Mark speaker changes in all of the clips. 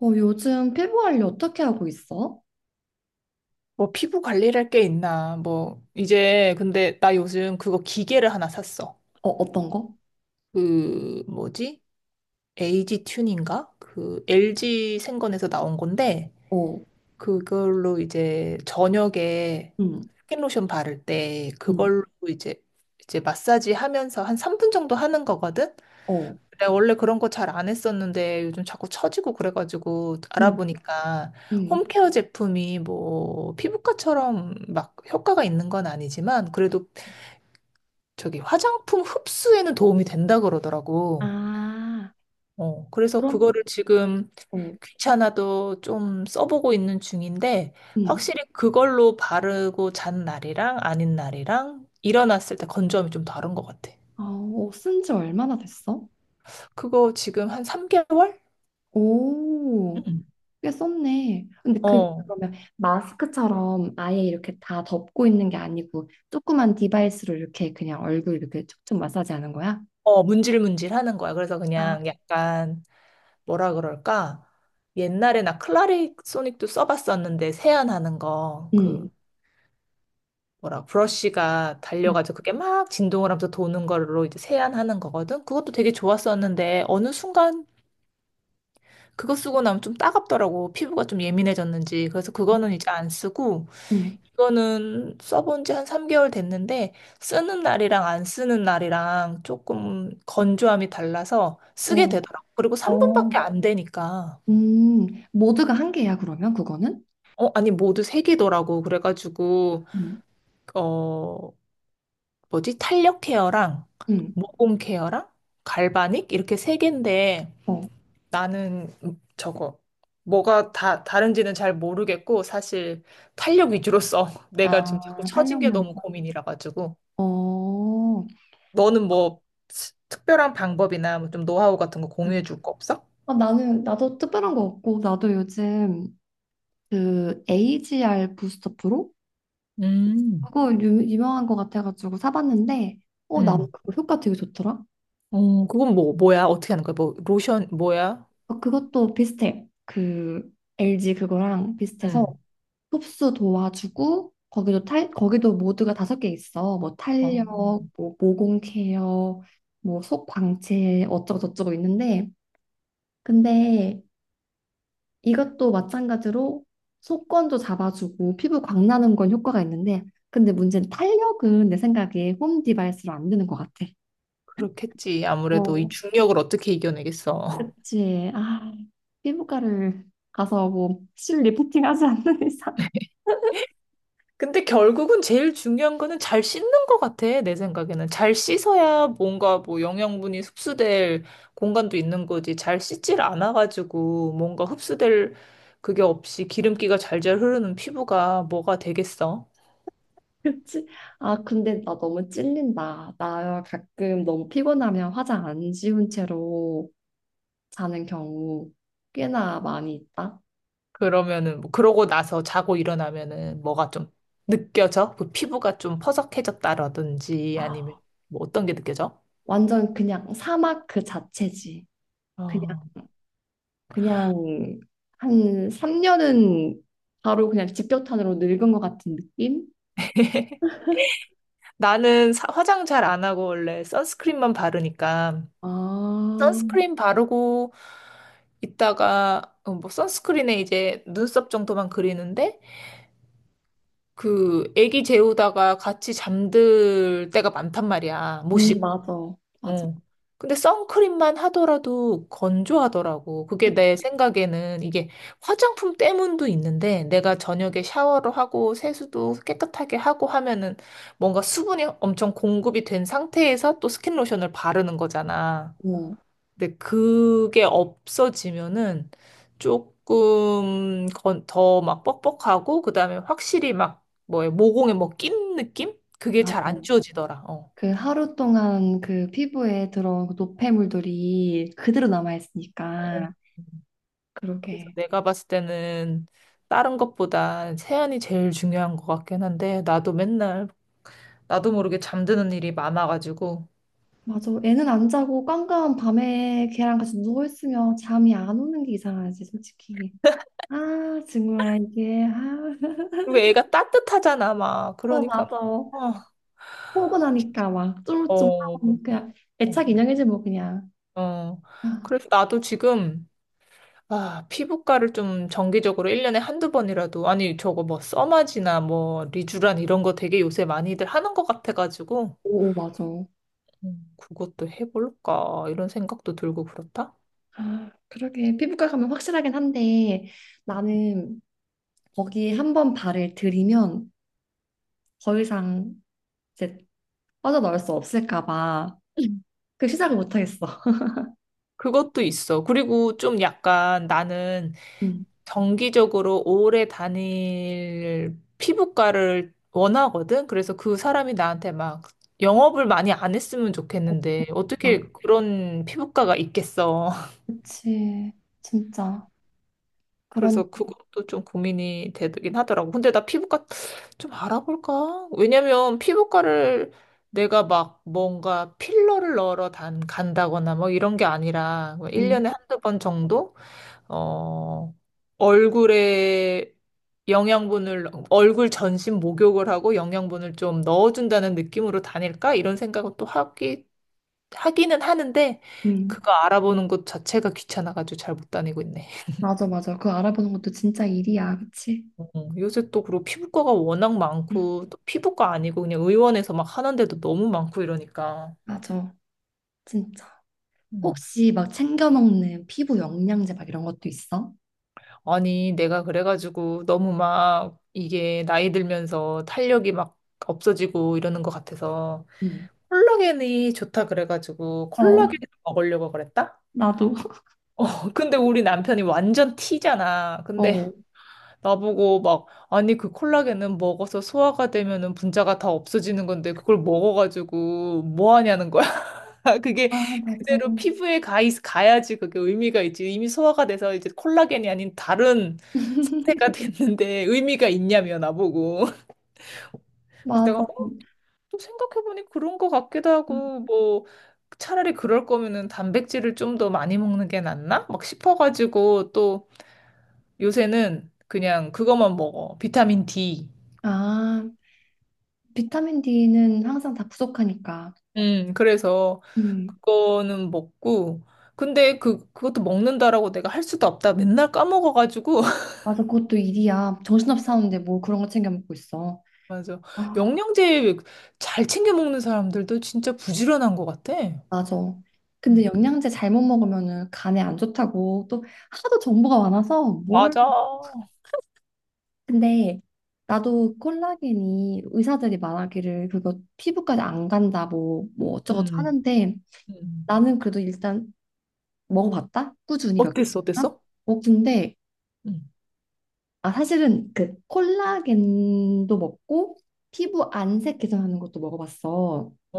Speaker 1: 어, 요즘 피부 관리 어떻게 하고 있어?
Speaker 2: 뭐 피부 관리할 게 있나? 뭐 이제 근데 나 요즘 그거 기계를 하나 샀어.
Speaker 1: 어, 어떤 거?
Speaker 2: 그 뭐지? 에이지 튠인가? 그 LG 생건에서 나온 건데
Speaker 1: 어,
Speaker 2: 그걸로 이제 저녁에
Speaker 1: 음,
Speaker 2: 스킨로션 바를 때
Speaker 1: 음,
Speaker 2: 그걸로 이제 마사지 하면서 한 3분 정도 하는 거거든.
Speaker 1: 어,
Speaker 2: 내가 원래 그런 거 잘 안 했었는데 요즘 자꾸 처지고 그래가지고
Speaker 1: 음,
Speaker 2: 알아보니까
Speaker 1: 음.
Speaker 2: 홈케어 제품이 뭐 피부과처럼 막 효과가 있는 건 아니지만 그래도 저기 화장품 흡수에는 도움이 된다 그러더라고.
Speaker 1: 아,
Speaker 2: 어, 그래서
Speaker 1: 그럼,
Speaker 2: 그거를 지금
Speaker 1: 어,
Speaker 2: 귀찮아도 좀 써보고 있는 중인데,
Speaker 1: 음.
Speaker 2: 확실히 그걸로 바르고 잔 날이랑 아닌 날이랑 일어났을 때 건조함이 좀 다른 것 같아.
Speaker 1: 아, 어, 쓴지 얼마나 됐어?
Speaker 2: 그거 지금 한 3개월?
Speaker 1: 오,
Speaker 2: 응.
Speaker 1: 꽤 썼네. 근데 그,
Speaker 2: 어,
Speaker 1: 그러면 마스크처럼 아예 이렇게 다 덮고 있는 게 아니고 조그만 디바이스로 이렇게 그냥 얼굴 이렇게 촉촉 마사지 하는 거야?
Speaker 2: 어, 문질문질 하는 거야. 그래서
Speaker 1: 아,
Speaker 2: 그냥 약간 뭐라 그럴까? 옛날에 나 클라리 소닉도 써봤었는데 세안하는 거, 그
Speaker 1: 음,
Speaker 2: 뭐라 브러쉬가
Speaker 1: 음,
Speaker 2: 달려가지고 그게 막 진동을 하면서 도는 걸로 이제 세안하는 거거든. 그것도 되게 좋았었는데 어느 순간 그거 쓰고 나면 좀 따갑더라고. 피부가 좀 예민해졌는지. 그래서 그거는 이제 안 쓰고
Speaker 1: 음.
Speaker 2: 이거는 써본 지 한 3개월 됐는데 쓰는 날이랑 안 쓰는 날이랑 조금 건조함이 달라서 쓰게
Speaker 1: 어,
Speaker 2: 되더라고. 그리고
Speaker 1: 어,
Speaker 2: 3분밖에 안 되니까.
Speaker 1: 음. 모두가 한 개야, 그러면 그거는?
Speaker 2: 어, 아니, 모두 3개더라고. 그래가지고,
Speaker 1: 음.
Speaker 2: 어, 뭐지? 탄력 케어랑
Speaker 1: 음.
Speaker 2: 모공 케어랑 갈바닉 이렇게 3개인데
Speaker 1: 어.
Speaker 2: 나는 저거 뭐가 다 다른지는 잘 모르겠고 사실 탄력 위주로 써. 내가 지금 자꾸
Speaker 1: 아,
Speaker 2: 처진 게
Speaker 1: 탄력만.
Speaker 2: 너무
Speaker 1: 있어.
Speaker 2: 고민이라 가지고
Speaker 1: 어,
Speaker 2: 너는 뭐 특별한 방법이나 뭐좀 노하우 같은 거 공유해 줄 거 없어?
Speaker 1: 어, 나는, 나도 특별한 거 없고, 나도 요즘 그 AGR 부스터 프로?
Speaker 2: 음,
Speaker 1: 그거 유명한 거 같아가지고 사봤는데, 어, 나는
Speaker 2: 음.
Speaker 1: 그거 효과 되게 좋더라.
Speaker 2: 어, 그건 뭐, 뭐야? 어떻게 하는 거야? 뭐, 로션, 뭐야?
Speaker 1: 어, 그것도 비슷해. 그 LG 그거랑 비슷해서
Speaker 2: 음.
Speaker 1: 흡수 도와주고, 거기도 모드가 다섯 개 있어. 뭐 탄력,
Speaker 2: 어,
Speaker 1: 뭐 모공 케어, 뭐 속 광채, 어쩌고저쩌고 있는데, 근데 이것도 마찬가지로 속건도 잡아주고 피부 광나는 건 효과가 있는데 근데 문제는 탄력은 내 생각에 홈 디바이스로 안 되는 것 같아.
Speaker 2: 그렇겠지. 아무래도 이
Speaker 1: 어,
Speaker 2: 중력을 어떻게 이겨내겠어.
Speaker 1: 그치. 아, 피부과를 가서 뭐 실 리프팅 하지 않는 이상.
Speaker 2: 근데 결국은 제일 중요한 거는 잘 씻는 것 같아, 내 생각에는. 잘 씻어야 뭔가 뭐 영양분이 흡수될 공간도 있는 거지. 잘 씻질 않아가지고 뭔가 흡수될 그게 없이 기름기가 잘 흐르는 피부가 뭐가 되겠어?
Speaker 1: 그치. 아, 근데 나 너무 찔린다. 나 가끔 너무 피곤하면 화장 안 지운 채로 자는 경우 꽤나 많이 있다.
Speaker 2: 그러면은, 뭐 그러고 나서 자고 일어나면은 뭐가 좀 느껴져? 그 피부가 좀 퍼석해졌다라든지
Speaker 1: 아,
Speaker 2: 아니면 뭐 어떤 게 느껴져?
Speaker 1: 완전 그냥 사막 그 자체지. 그냥
Speaker 2: 어.
Speaker 1: 그냥 한 3년은 바로 그냥 직격탄으로 늙은 것 같은 느낌?
Speaker 2: 나는 화장 잘 안 하고 원래 선스크림만 바르니까 선
Speaker 1: 아,
Speaker 2: 스크림 바르고 이따가 어, 뭐 선스크린에 이제 눈썹 정도만 그리는데 그 애기 재우다가 같이 잠들 때가 많단 말이야. 못 씻고.
Speaker 1: 맞아. 맞아.
Speaker 2: 어. 근데 선크림만 하더라도 건조하더라고. 그게 내
Speaker 1: 그-
Speaker 2: 생각에는 이게 화장품 때문도 있는데 내가 저녁에 샤워를 하고 세수도 깨끗하게 하고 하면은 뭔가 수분이 엄청 공급이 된 상태에서 또 스킨 로션을 바르는 거잖아.
Speaker 1: 어.
Speaker 2: 근데 그게 없어지면은 조금 더 막 뻑뻑하고 그다음에 확실히 막 뭐에 모공에 뭐 낀 느낌? 그게
Speaker 1: 맞아.
Speaker 2: 잘 안 지워지더라. 어.
Speaker 1: 그 하루 동안 그 피부에 들어온 그 노폐물들이 그대로
Speaker 2: 어.
Speaker 1: 남아있으니까.
Speaker 2: 그래서
Speaker 1: 그러게.
Speaker 2: 내가 봤을 때는 다른 것보다 세안이 제일 중요한 것 같긴 한데 나도 맨날 나도 모르게 잠드는 일이 많아가지고
Speaker 1: 맞아. 애는 안 자고 깜깜 밤에 걔랑 같이 누워있으면 잠이 안 오는 게 이상하지, 솔직히. 아, 정말 이게. 아,
Speaker 2: 그리고 애가 따뜻하잖아 막
Speaker 1: 어,
Speaker 2: 그러니까
Speaker 1: 맞아.
Speaker 2: 막 어.
Speaker 1: 포근하니까 막
Speaker 2: 어.
Speaker 1: 쫄쫄하고 그냥 애착 인형이지 뭐 그냥.
Speaker 2: 어.
Speaker 1: 아,
Speaker 2: 그래서 나도 지금 아, 피부과를 좀 정기적으로 1년에 한두 번이라도, 아니, 저거 뭐, 써마지나 뭐, 리쥬란 이런 거 되게 요새 많이들 하는 것 같아가지고,
Speaker 1: 오, 오, 맞아.
Speaker 2: 그것도 해볼까, 이런 생각도 들고 그렇다?
Speaker 1: 아, 그러게 피부과 가면 확실하긴 한데 나는 거기 한 번 발을 들이면 더 이상 이제 빠져나올 수 없을까 봐
Speaker 2: 음.
Speaker 1: 그 시작을 못 하겠어.
Speaker 2: 그것도 있어. 그리고 좀 약간 나는
Speaker 1: 음.
Speaker 2: 정기적으로 오래 다닐 피부과를 원하거든? 그래서 그 사람이 나한테 막 영업을 많이 안 했으면 좋겠는데,
Speaker 1: 아,
Speaker 2: 어떻게 그런 피부과가 있겠어?
Speaker 1: 그치. 진짜. 그런
Speaker 2: 그래서 그것도 좀 고민이 되긴 하더라고. 근데 나 피부과 좀 알아볼까? 왜냐면 피부과를 내가 막 뭔가 필러를 넣으러 간다거나 뭐 이런 게 아니라 뭐 일
Speaker 1: 음,
Speaker 2: 1년에 한두 번 정도? 어, 얼굴에 영양분을, 얼굴 전신 목욕을 하고 영양분을 좀 넣어준다는 느낌으로 다닐까? 이런 생각을 또 하기는 하는데
Speaker 1: 음.
Speaker 2: 그거 알아보는 것 자체가 귀찮아가지고 잘 못 다니고 있네.
Speaker 1: 맞아, 맞아. 그거 알아보는 것도 진짜 일이야. 그치?
Speaker 2: 어, 요새 또 그리고 피부과가 워낙
Speaker 1: 음,
Speaker 2: 많고 또 피부과 아니고 그냥 의원에서 막 하는데도 너무 많고 이러니까
Speaker 1: 맞아. 진짜.
Speaker 2: 음.
Speaker 1: 혹시 막 챙겨 먹는 피부 영양제 막 이런 것도 있어?
Speaker 2: 아니 내가 그래가지고 너무 막 이게 나이 들면서 탄력이 막 없어지고 이러는 것 같아서
Speaker 1: 응.
Speaker 2: 콜라겐이 좋다 그래가지고
Speaker 1: 어,
Speaker 2: 콜라겐 먹으려고 그랬다?
Speaker 1: 나도.
Speaker 2: 근데 우리 남편이 완전 T잖아. 근데
Speaker 1: 어.
Speaker 2: 나보고 막 아니 그 콜라겐은 먹어서 소화가 되면은 분자가 다 없어지는 건데 그걸 먹어가지고 뭐 하냐는 거야. 아, 그게
Speaker 1: 아, 맞아.
Speaker 2: 그대로 피부에 가야지 그게 의미가 있지. 이미 소화가 돼서 이제 콜라겐이 아닌 다른 상태가 됐는데 의미가 있냐며 나보고. 그래서
Speaker 1: 맞아.
Speaker 2: 내가 어, 또 생각해보니 그런 것 같기도 하고 뭐 차라리 그럴 거면은 단백질을 좀 더 많이 먹는 게 낫나? 막 싶어가지고 또 요새는 그냥 그것만 먹어. 비타민 D.
Speaker 1: 아, 비타민 D는 항상 다 부족하니까.
Speaker 2: 그래서
Speaker 1: 음,
Speaker 2: 그거는 먹고 근데 그 그것도 먹는다라고 내가 할 수도 없다. 맨날 까먹어가지고
Speaker 1: 맞아. 그것도 일이야. 정신없이 사는데 뭐 그런 거 챙겨 먹고 있어.
Speaker 2: 맞아.
Speaker 1: 아,
Speaker 2: 영양제 잘 챙겨 먹는 사람들도 진짜 부지런한 것 같아.
Speaker 1: 맞아. 근데
Speaker 2: 음.
Speaker 1: 영양제 잘못 먹으면은 간에 안 좋다고 또 하도 정보가 많아서 뭘.
Speaker 2: 맞아.
Speaker 1: 근데 나도 콜라겐이 의사들이 말하기를 그거 피부까지 안 간다 뭐, 어쩌고저쩌고
Speaker 2: 음.
Speaker 1: 하는데
Speaker 2: 음.
Speaker 1: 나는 그래도 일단 먹어봤다? 꾸준히 몇
Speaker 2: 어땠어?
Speaker 1: 개나?
Speaker 2: 어땠어?
Speaker 1: 어, 근데
Speaker 2: 음.
Speaker 1: 아 사실은 그 콜라겐도 먹고 피부 안색 개선하는 것도 먹어봤어.
Speaker 2: 어,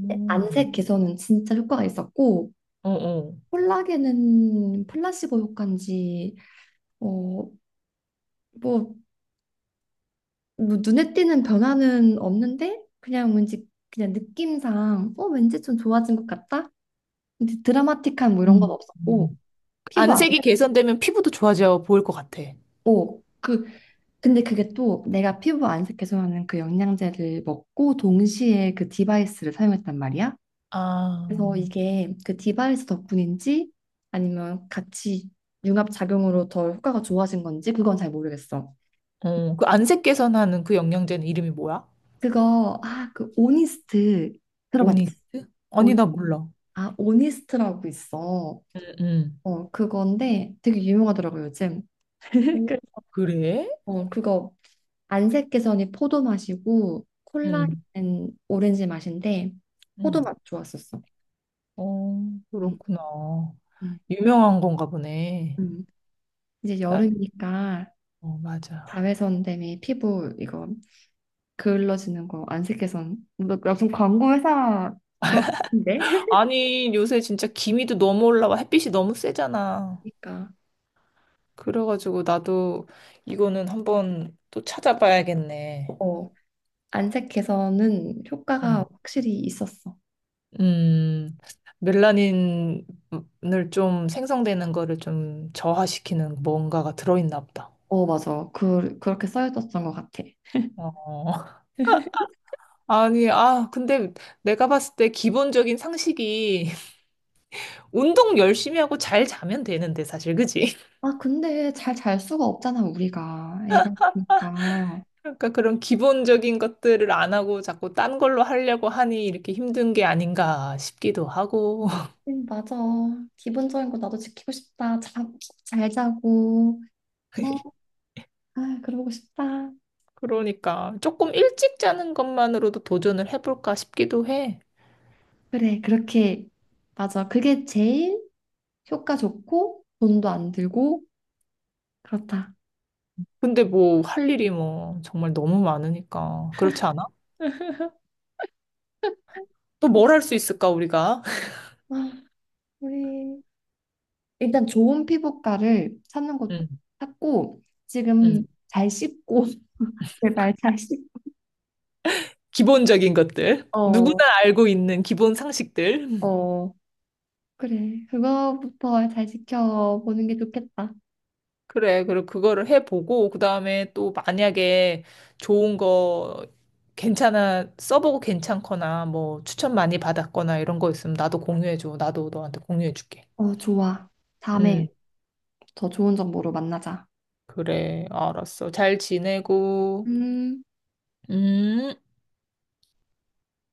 Speaker 1: 근데 안색 개선은 진짜 효과가 있었고
Speaker 2: 어.
Speaker 1: 콜라겐은 플라시보 효과인지 어, 뭐, 눈에 띄는 변화는 없는데 그냥 왠지 그냥 느낌상 어 왠지 좀 좋아진 것 같다. 근데 드라마틱한 뭐 이런 건
Speaker 2: 음.
Speaker 1: 없었고
Speaker 2: 음.
Speaker 1: 피부
Speaker 2: 안색이
Speaker 1: 안색
Speaker 2: 개선되면 피부도 좋아져 보일 것 같아.
Speaker 1: 어, 그 근데 그게 또 내가 피부 안색 개선하는 그 영양제를 먹고 동시에 그 디바이스를 사용했단 말이야. 그래서
Speaker 2: 아.
Speaker 1: 이게 그 디바이스 덕분인지 아니면 같이 융합 작용으로 더 효과가 좋아진 건지 그건 잘 모르겠어.
Speaker 2: 어, 그 안색 개선하는 그 영양제는 이름이 뭐야?
Speaker 1: 그거 아, 그 오니스트 들어봤지?
Speaker 2: 오니스트? 아니,
Speaker 1: 온,
Speaker 2: 나 몰라.
Speaker 1: 아, 오니스트라고 있어.
Speaker 2: 응 응
Speaker 1: 어, 그건데 되게 유명하더라고 요즘.
Speaker 2: 오,
Speaker 1: 그-
Speaker 2: 그래?
Speaker 1: 어, 그거 안색개선이 포도 맛이고
Speaker 2: 응
Speaker 1: 콜라겐은 오렌지 맛인데 포도 맛
Speaker 2: 응
Speaker 1: 좋았었어.
Speaker 2: 어,
Speaker 1: 음,
Speaker 2: 그렇구나.
Speaker 1: 음,
Speaker 2: 유명한 건가 보네.
Speaker 1: 음. 이제 여름이니까
Speaker 2: 어, 맞아요.
Speaker 1: 자외선 때문에 피부 이거 그을러지는 거 안색개선 너 무슨 광고 회사 그런 거 같은데?
Speaker 2: 아니, 요새 진짜 기미도 너무 올라와. 햇빛이 너무 세잖아.
Speaker 1: 그러니까
Speaker 2: 그래가지고 나도 이거는 한번 또 찾아봐야겠네.
Speaker 1: 어 안색개선은 효과가
Speaker 2: 음,
Speaker 1: 확실히 있었어.
Speaker 2: 음, 멜라닌을 좀 생성되는 거를 좀 저하시키는 뭔가가 들어있나 보다.
Speaker 1: 어 맞아 그 그렇게 써있었던 것 같아.
Speaker 2: 어. 아니, 아, 근데 내가 봤을 때 기본적인 상식이 운동 열심히 하고 잘 자면 되는데, 사실, 그지?
Speaker 1: 아 근데 잘 잘 수가 없잖아 우리가 애가 있으니까.
Speaker 2: 그러니까 그런 기본적인 것들을 안 하고 자꾸 딴 걸로 하려고 하니 이렇게 힘든 게 아닌가 싶기도 하고.
Speaker 1: 응, 맞아. 기본적인 거 나도 지키고 싶다. 자, 잘 자고. 어, 아, 그러고 싶다.
Speaker 2: 그러니까 조금 일찍 자는 것만으로도 도전을 해볼까 싶기도 해.
Speaker 1: 그래, 그렇게. 맞아. 그게 제일 효과 좋고, 돈도 안 들고, 그렇다.
Speaker 2: 근데 뭐 할 일이 뭐 정말 너무 많으니까. 그렇지 않아? 또 뭘 할 수 있을까, 우리가?
Speaker 1: 아, 우리. 일단 좋은 피부과를 찾는 것
Speaker 2: 음,
Speaker 1: 찾고, 지금
Speaker 2: 음.
Speaker 1: 잘 씻고, 제발 잘 씻고.
Speaker 2: 기본적인 것들. 누구나
Speaker 1: 어,
Speaker 2: 알고 있는 기본 상식들.
Speaker 1: 어. 그래. 그거부터 잘 지켜보는 게 좋겠다.
Speaker 2: 그래. 그리고 그거를 해보고, 그 다음에 또 만약에 좋은 거, 괜찮아, 써보고 괜찮거나, 뭐, 추천 많이 받았거나 이런 거 있으면 나도 공유해줘. 나도 너한테 공유해줄게.
Speaker 1: 어, 좋아. 다음에
Speaker 2: 음,
Speaker 1: 더 좋은 정보로 만나자.
Speaker 2: 그래. 알았어. 잘 지내고,
Speaker 1: 음.
Speaker 2: 음.